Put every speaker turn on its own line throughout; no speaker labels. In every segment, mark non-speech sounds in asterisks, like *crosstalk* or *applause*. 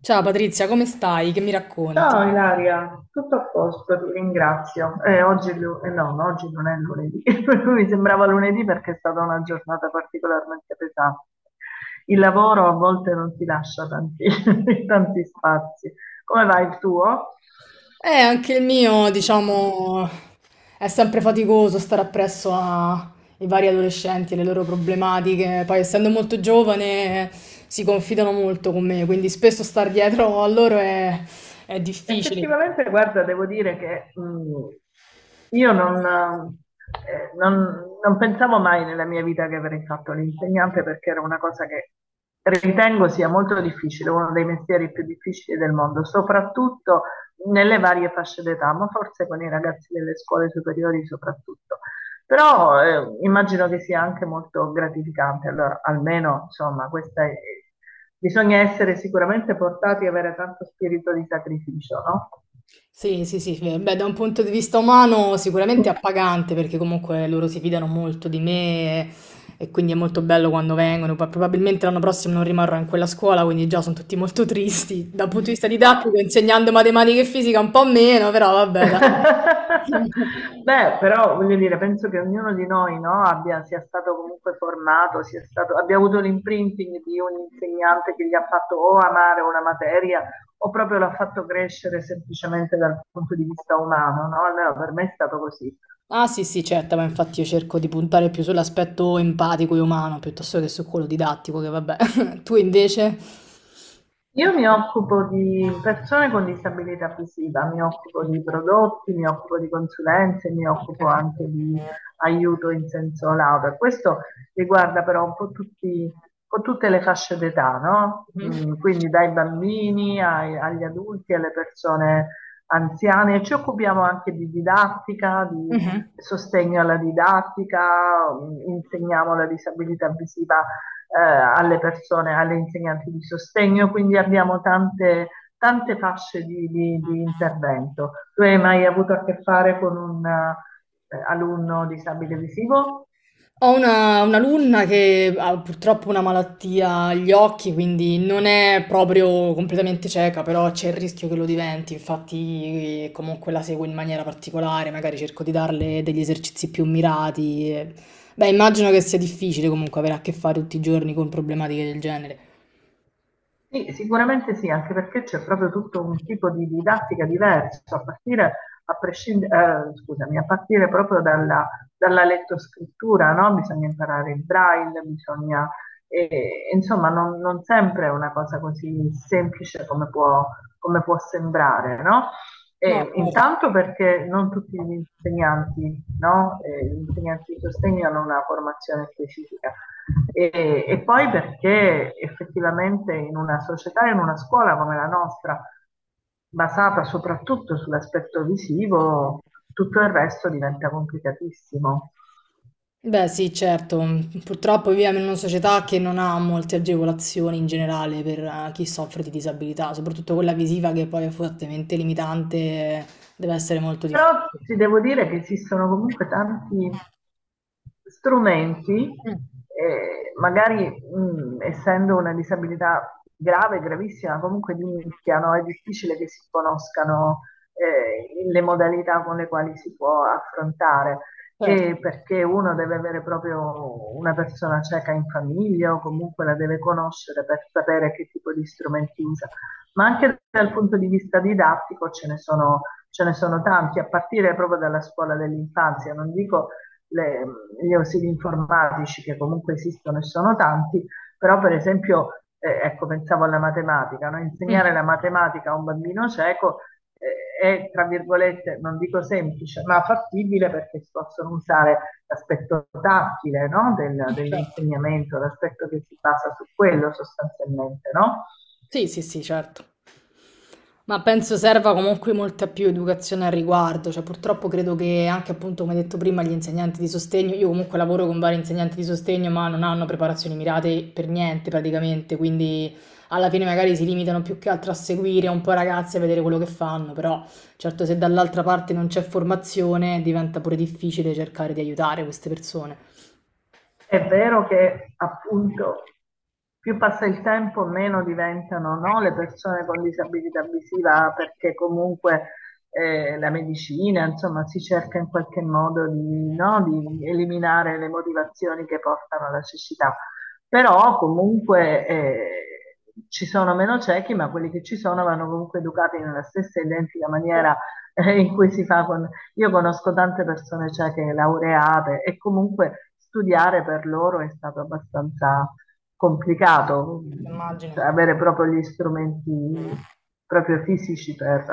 Ciao Patrizia, come stai? Che mi racconti?
Ciao Ilaria, tutto a posto, ti ringrazio. Oggi, è lu- no, no, oggi non è lunedì, *laughs* mi sembrava lunedì perché è stata una giornata particolarmente pesante. Il lavoro a volte non ti lascia tanti, *laughs* tanti spazi. Come va il tuo?
Anche il mio, diciamo, è sempre faticoso stare appresso ai vari adolescenti e le loro problematiche. Poi, essendo molto giovane, si confidano molto con me, quindi spesso star dietro a loro è difficile.
Effettivamente, guarda, devo dire che io non, non- non pensavo mai nella mia vita che avrei fatto l'insegnante, perché era una cosa che ritengo sia molto difficile, uno dei mestieri più difficili del mondo, soprattutto nelle varie fasce d'età, ma forse con i ragazzi delle scuole superiori soprattutto. Però immagino che sia anche molto gratificante, allora almeno insomma bisogna essere sicuramente portati e avere tanto spirito di sacrificio, no?
Sì, sì, sì, beh, beh, da un punto di vista umano sicuramente è appagante perché comunque loro si fidano molto di me e quindi è molto bello quando vengono. Poi probabilmente l'anno prossimo non rimarrò in quella scuola, quindi già sono tutti molto tristi. Dal punto di vista didattico, insegnando matematica e fisica un po' meno, però vabbè, dai.
*laughs*
*laughs*
Beh, però voglio dire, penso che ognuno di noi, no, sia stato comunque formato, abbia avuto l'imprinting di un insegnante che gli ha fatto o amare una materia o proprio l'ha fatto crescere semplicemente dal punto di vista umano, no? Almeno per me è stato così.
Ah sì, sì, certo, ma infatti io cerco di puntare più sull'aspetto empatico e umano piuttosto che su quello didattico, che vabbè. *laughs* Tu invece?
Io mi occupo di persone con disabilità visiva, mi occupo di prodotti, mi occupo di consulenze, mi occupo
Okay.
anche di aiuto in senso lato. Questo riguarda però un po' tutte le fasce d'età, no?
Mh-mh.
Mm, quindi agli adulti, alle persone anziane. Ci occupiamo anche di didattica, di
Mh-mh.
sostegno alla didattica, mm, insegniamo la disabilità visiva alle persone, alle insegnanti di sostegno, quindi abbiamo tante, tante fasce di intervento. Tu hai mai avuto a che fare con un alunno disabile visivo?
Ho una un'alunna che ha purtroppo una malattia agli occhi, quindi non è proprio completamente cieca, però c'è il rischio che lo diventi, infatti comunque la seguo in maniera particolare, magari cerco di darle degli esercizi più mirati e beh, immagino che sia difficile comunque avere a che fare tutti i giorni con problematiche del genere.
Sì, sicuramente sì, anche perché c'è proprio tutto un tipo di didattica diverso, a partire, a prescind- scusami, a partire proprio dalla, dalla lettoscrittura, no? Bisogna imparare il braille, bisogna, insomma, non sempre è una cosa così semplice come come può sembrare, no?
No,
E
cer
intanto perché non tutti gli insegnanti, no? Gli insegnanti di sostegno hanno una formazione specifica e poi perché effettivamente in una società, in una scuola come la nostra, basata soprattutto sull'aspetto visivo, tutto il resto diventa complicatissimo.
Beh, sì, certo. Purtroppo viviamo in una società che non ha molte agevolazioni in generale per chi soffre di disabilità, soprattutto quella visiva che poi è fortemente limitante, deve essere molto
Però
difficile.
ti devo dire che esistono comunque tanti strumenti,
Mm.
magari essendo una disabilità grave, gravissima, comunque di nicchia, no? È difficile che si conoscano le modalità con le quali si può affrontare,
Certo.
e perché uno deve avere proprio una persona cieca in famiglia o comunque la deve conoscere per sapere che tipo di strumenti usa. Ma anche dal punto di vista didattico ce ne sono tanti, a partire proprio dalla scuola dell'infanzia, non dico le- gli ausili informatici che comunque esistono e sono tanti, però per esempio, ecco, pensavo alla matematica, no? Insegnare la
Mhm.
matematica a un bambino cieco è, tra virgolette, non dico semplice, ma fattibile, perché si possono usare l'aspetto tattile, no?
Certo.
Dell'insegnamento, l'aspetto che si basa su quello sostanzialmente, no?
Sì, sì, sì, certo. Ma penso serva comunque molta più educazione al riguardo, cioè purtroppo credo che anche appunto come detto prima gli insegnanti di sostegno, io comunque lavoro con vari insegnanti di sostegno ma non hanno preparazioni mirate per niente praticamente, quindi alla fine magari si limitano più che altro a seguire un po' i ragazzi e a vedere quello che fanno, però certo se dall'altra parte non c'è formazione diventa pure difficile cercare di aiutare queste persone,
È vero che appunto più passa il tempo, meno diventano, no, le persone con disabilità visiva, perché comunque la medicina, insomma, si cerca in qualche modo di, no, di eliminare le motivazioni che portano alla cecità. Però comunque ci sono meno ciechi, ma quelli che ci sono vanno comunque educati nella stessa identica maniera in cui si fa con io conosco tante persone cieche laureate e comunque studiare per loro è stato abbastanza complicato,
immagino.
cioè avere proprio gli strumenti proprio fisici per...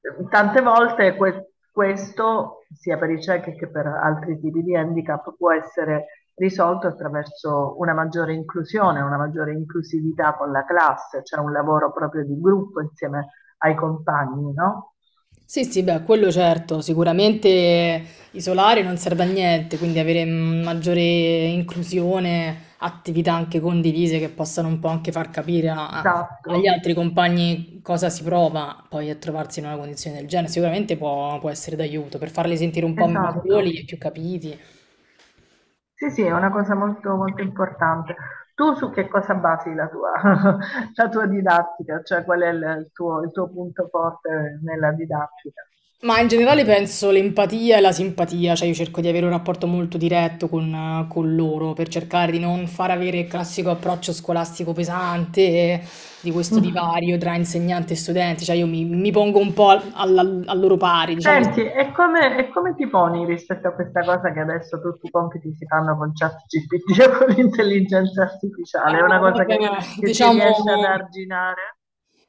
tante volte questo, sia per i ciechi che per altri tipi di handicap, può essere risolto attraverso una maggiore inclusione, una maggiore inclusività con la classe, cioè un lavoro proprio di gruppo insieme ai compagni, no?
Sì, sì, beh, quello certo, sicuramente isolare non serve a niente, quindi avere mm, maggiore inclusione, attività anche condivise che possano un po' anche far capire agli
Esatto.
altri compagni cosa si prova poi a trovarsi in una condizione del genere, sicuramente può, può essere d'aiuto per farli sentire un po' meno soli
Esatto.
e più capiti.
Sì, sì, è una cosa molto, molto importante. Tu su che cosa basi la tua, *laughs* la tua didattica? Cioè, qual è il tuo punto forte nella didattica?
Ma in generale penso l'empatia e la simpatia, cioè io cerco di avere un rapporto molto diretto con loro per cercare di non far avere il classico approccio scolastico pesante di questo
Mm.
divario tra insegnante e studenti, cioè io mi pongo un po' al, al loro pari, diciamo,
Senti, e come ti poni rispetto a questa cosa che adesso tutti i compiti si fanno con ChatGPT *laughs* o con l'intelligenza artificiale? È una
eh,
cosa
vabbè,
che si
diciamo.
riesce ad arginare?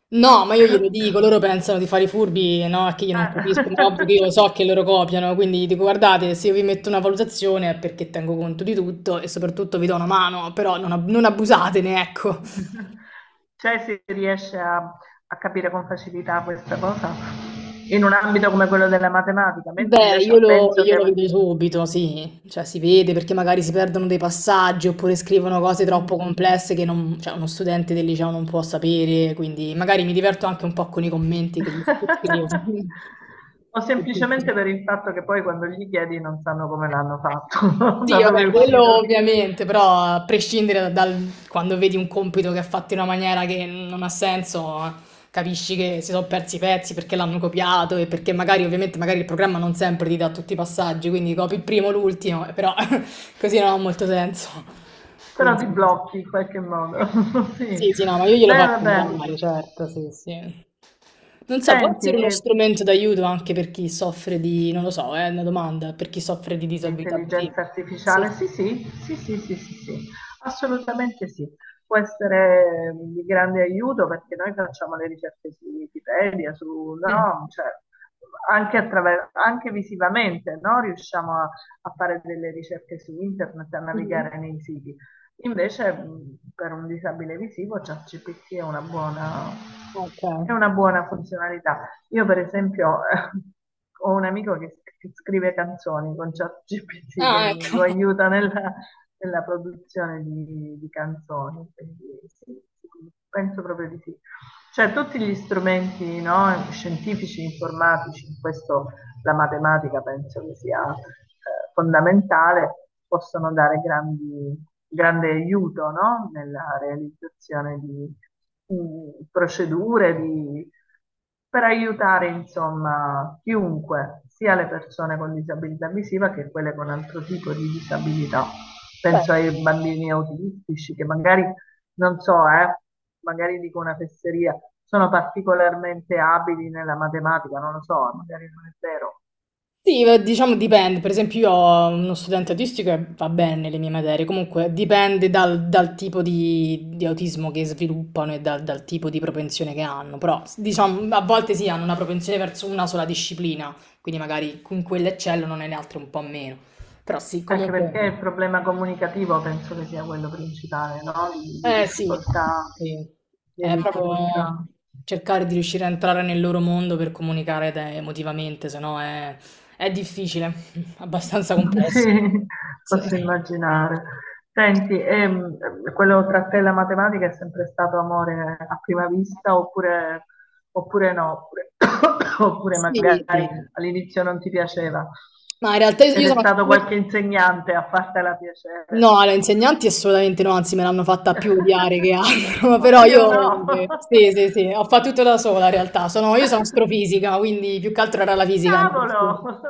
No, ma io glielo
*coughs*
dico, loro pensano di fare i furbi, no? Che io non capisco, ma è ovvio
Eh.
che io
*laughs*
so che loro copiano, quindi gli dico guardate, se io vi metto una valutazione è perché tengo conto di tutto e soprattutto vi do una mano, però non abusatene, ecco.
*laughs* Cioè si riesce a capire con facilità questa cosa in un ambito come quello della matematica, mentre
Beh,
invece penso
io
che...
lo vedo subito, sì, cioè si vede perché magari si perdono dei passaggi oppure scrivono cose troppo
Mhm.
complesse che cioè, uno studente del liceo non può sapere, quindi magari mi diverto anche un po' con i commenti che gli scrivo.
*laughs* O semplicemente
*laughs*
per il fatto che poi quando gli chiedi non sanno come l'hanno fatto, *laughs* da
Sì,
dove
vabbè,
è
quello
uscito,
ovviamente, però a prescindere dal quando vedi un compito che è fatto in una maniera che non ha senso, capisci che si sono persi i pezzi perché l'hanno copiato e perché magari ovviamente magari il programma non sempre ti dà tutti i passaggi, quindi copi il primo, l'ultimo, però *laughs* così non ha molto senso.
però
Quindi
ti blocchi in qualche modo. *laughs* Sì.
sì, sì, no, ma io glielo
Beh,
faccio
vabbè.
notare, certo, sì, sì. Non so, può
Senti,
essere uno strumento d'aiuto anche per chi soffre di, non lo so, è una domanda, per chi soffre di disabilità. Sì.
l'intelligenza
Sì.
artificiale, sì, sì, sì, sì, sì, sì, sì, assolutamente sì. Può essere di grande aiuto, perché noi facciamo le ricerche su Wikipedia, su, no, cioè, anche, anche visivamente, no? Riusciamo a fare delle ricerche su internet, a
Mhm.
navigare nei siti. Invece, per un disabile visivo, ChatGPT
Ok.
è una buona funzionalità. Io per esempio *laughs* ho un amico che scrive canzoni con ChatGPT
Ah, ecco.
lo aiuta nella, nella produzione di canzoni, quindi sì, sì, penso proprio di sì. Cioè tutti gli strumenti, no, scientifici, informatici, in questo la matematica penso che sia fondamentale, possono dare grandi, grande aiuto, no? Nella realizzazione di procedure, di- per aiutare insomma chiunque, sia le persone con disabilità visiva che quelle con altro tipo di disabilità.
Beh,
Penso ai bambini autistici che magari, non so, magari dico una fesseria, sono particolarmente abili nella matematica, non lo so, magari non è vero,
sì, diciamo dipende, per esempio io ho uno studente autistico e va bene nelle mie materie, comunque dipende dal, dal tipo di autismo che sviluppano e dal, dal tipo di propensione che hanno, però diciamo a volte sì hanno una propensione verso una sola disciplina, quindi magari in quella eccellono, nelle altre un po' meno, però sì,
anche
comunque...
perché il problema comunicativo penso che sia quello principale, no? Di
Eh sì,
difficoltà,
sì.
di
È proprio
difficoltà.
cercare di riuscire a entrare nel loro mondo per comunicare emotivamente, se no è, è difficile, *laughs* abbastanza
*laughs*
complesso.
Sì,
Sì.
posso immaginare. Senti, quello tra te e la matematica è sempre stato amore a prima vista oppure, oppure no? Oppure, *coughs* oppure
Sì,
magari
sì.
all'inizio non ti piaceva
Ma in realtà
ed
io
è
sono...
stato qualche insegnante a fartela piacere.
No, alle insegnanti assolutamente no, anzi me l'hanno fatta più odiare che
*laughs*
altro, *laughs* però
Oddio,
io
no!
sì, sì, sì, ho fatto tutto da sola in realtà, sono, io sono
*laughs*
astrofisica, quindi più che altro era la fisica, la mia passione.
Cavolo, *laughs*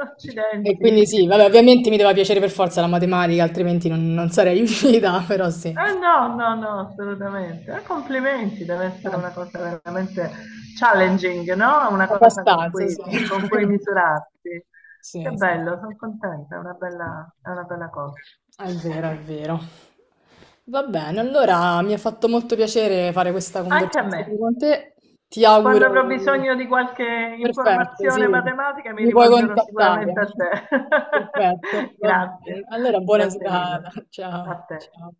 E quindi
accidenti.
sì, vabbè, ovviamente mi doveva piacere per forza la matematica, altrimenti non, non sarei riuscita, *laughs* però sì,
Eh no, no, no, assolutamente. Complimenti, deve essere una cosa veramente challenging, no? Una cosa
abbastanza, sì.
con
*laughs*
cui misurarsi. Che
Sì, sì.
bello, sono contenta, è una bella cosa.
È vero, è vero. Va bene, allora mi ha fatto molto piacere fare questa
Anche a
conversazione
me.
con te. Ti
Quando avrò
auguro...
bisogno di qualche
Perfetto, sì,
informazione matematica mi
mi puoi
rivolgerò
contattare.
sicuramente a
*laughs*
te.
Perfetto,
*laughs*
va bene.
Grazie,
Allora, buona
grazie mille.
serata.
A
Ciao,
te.
ciao.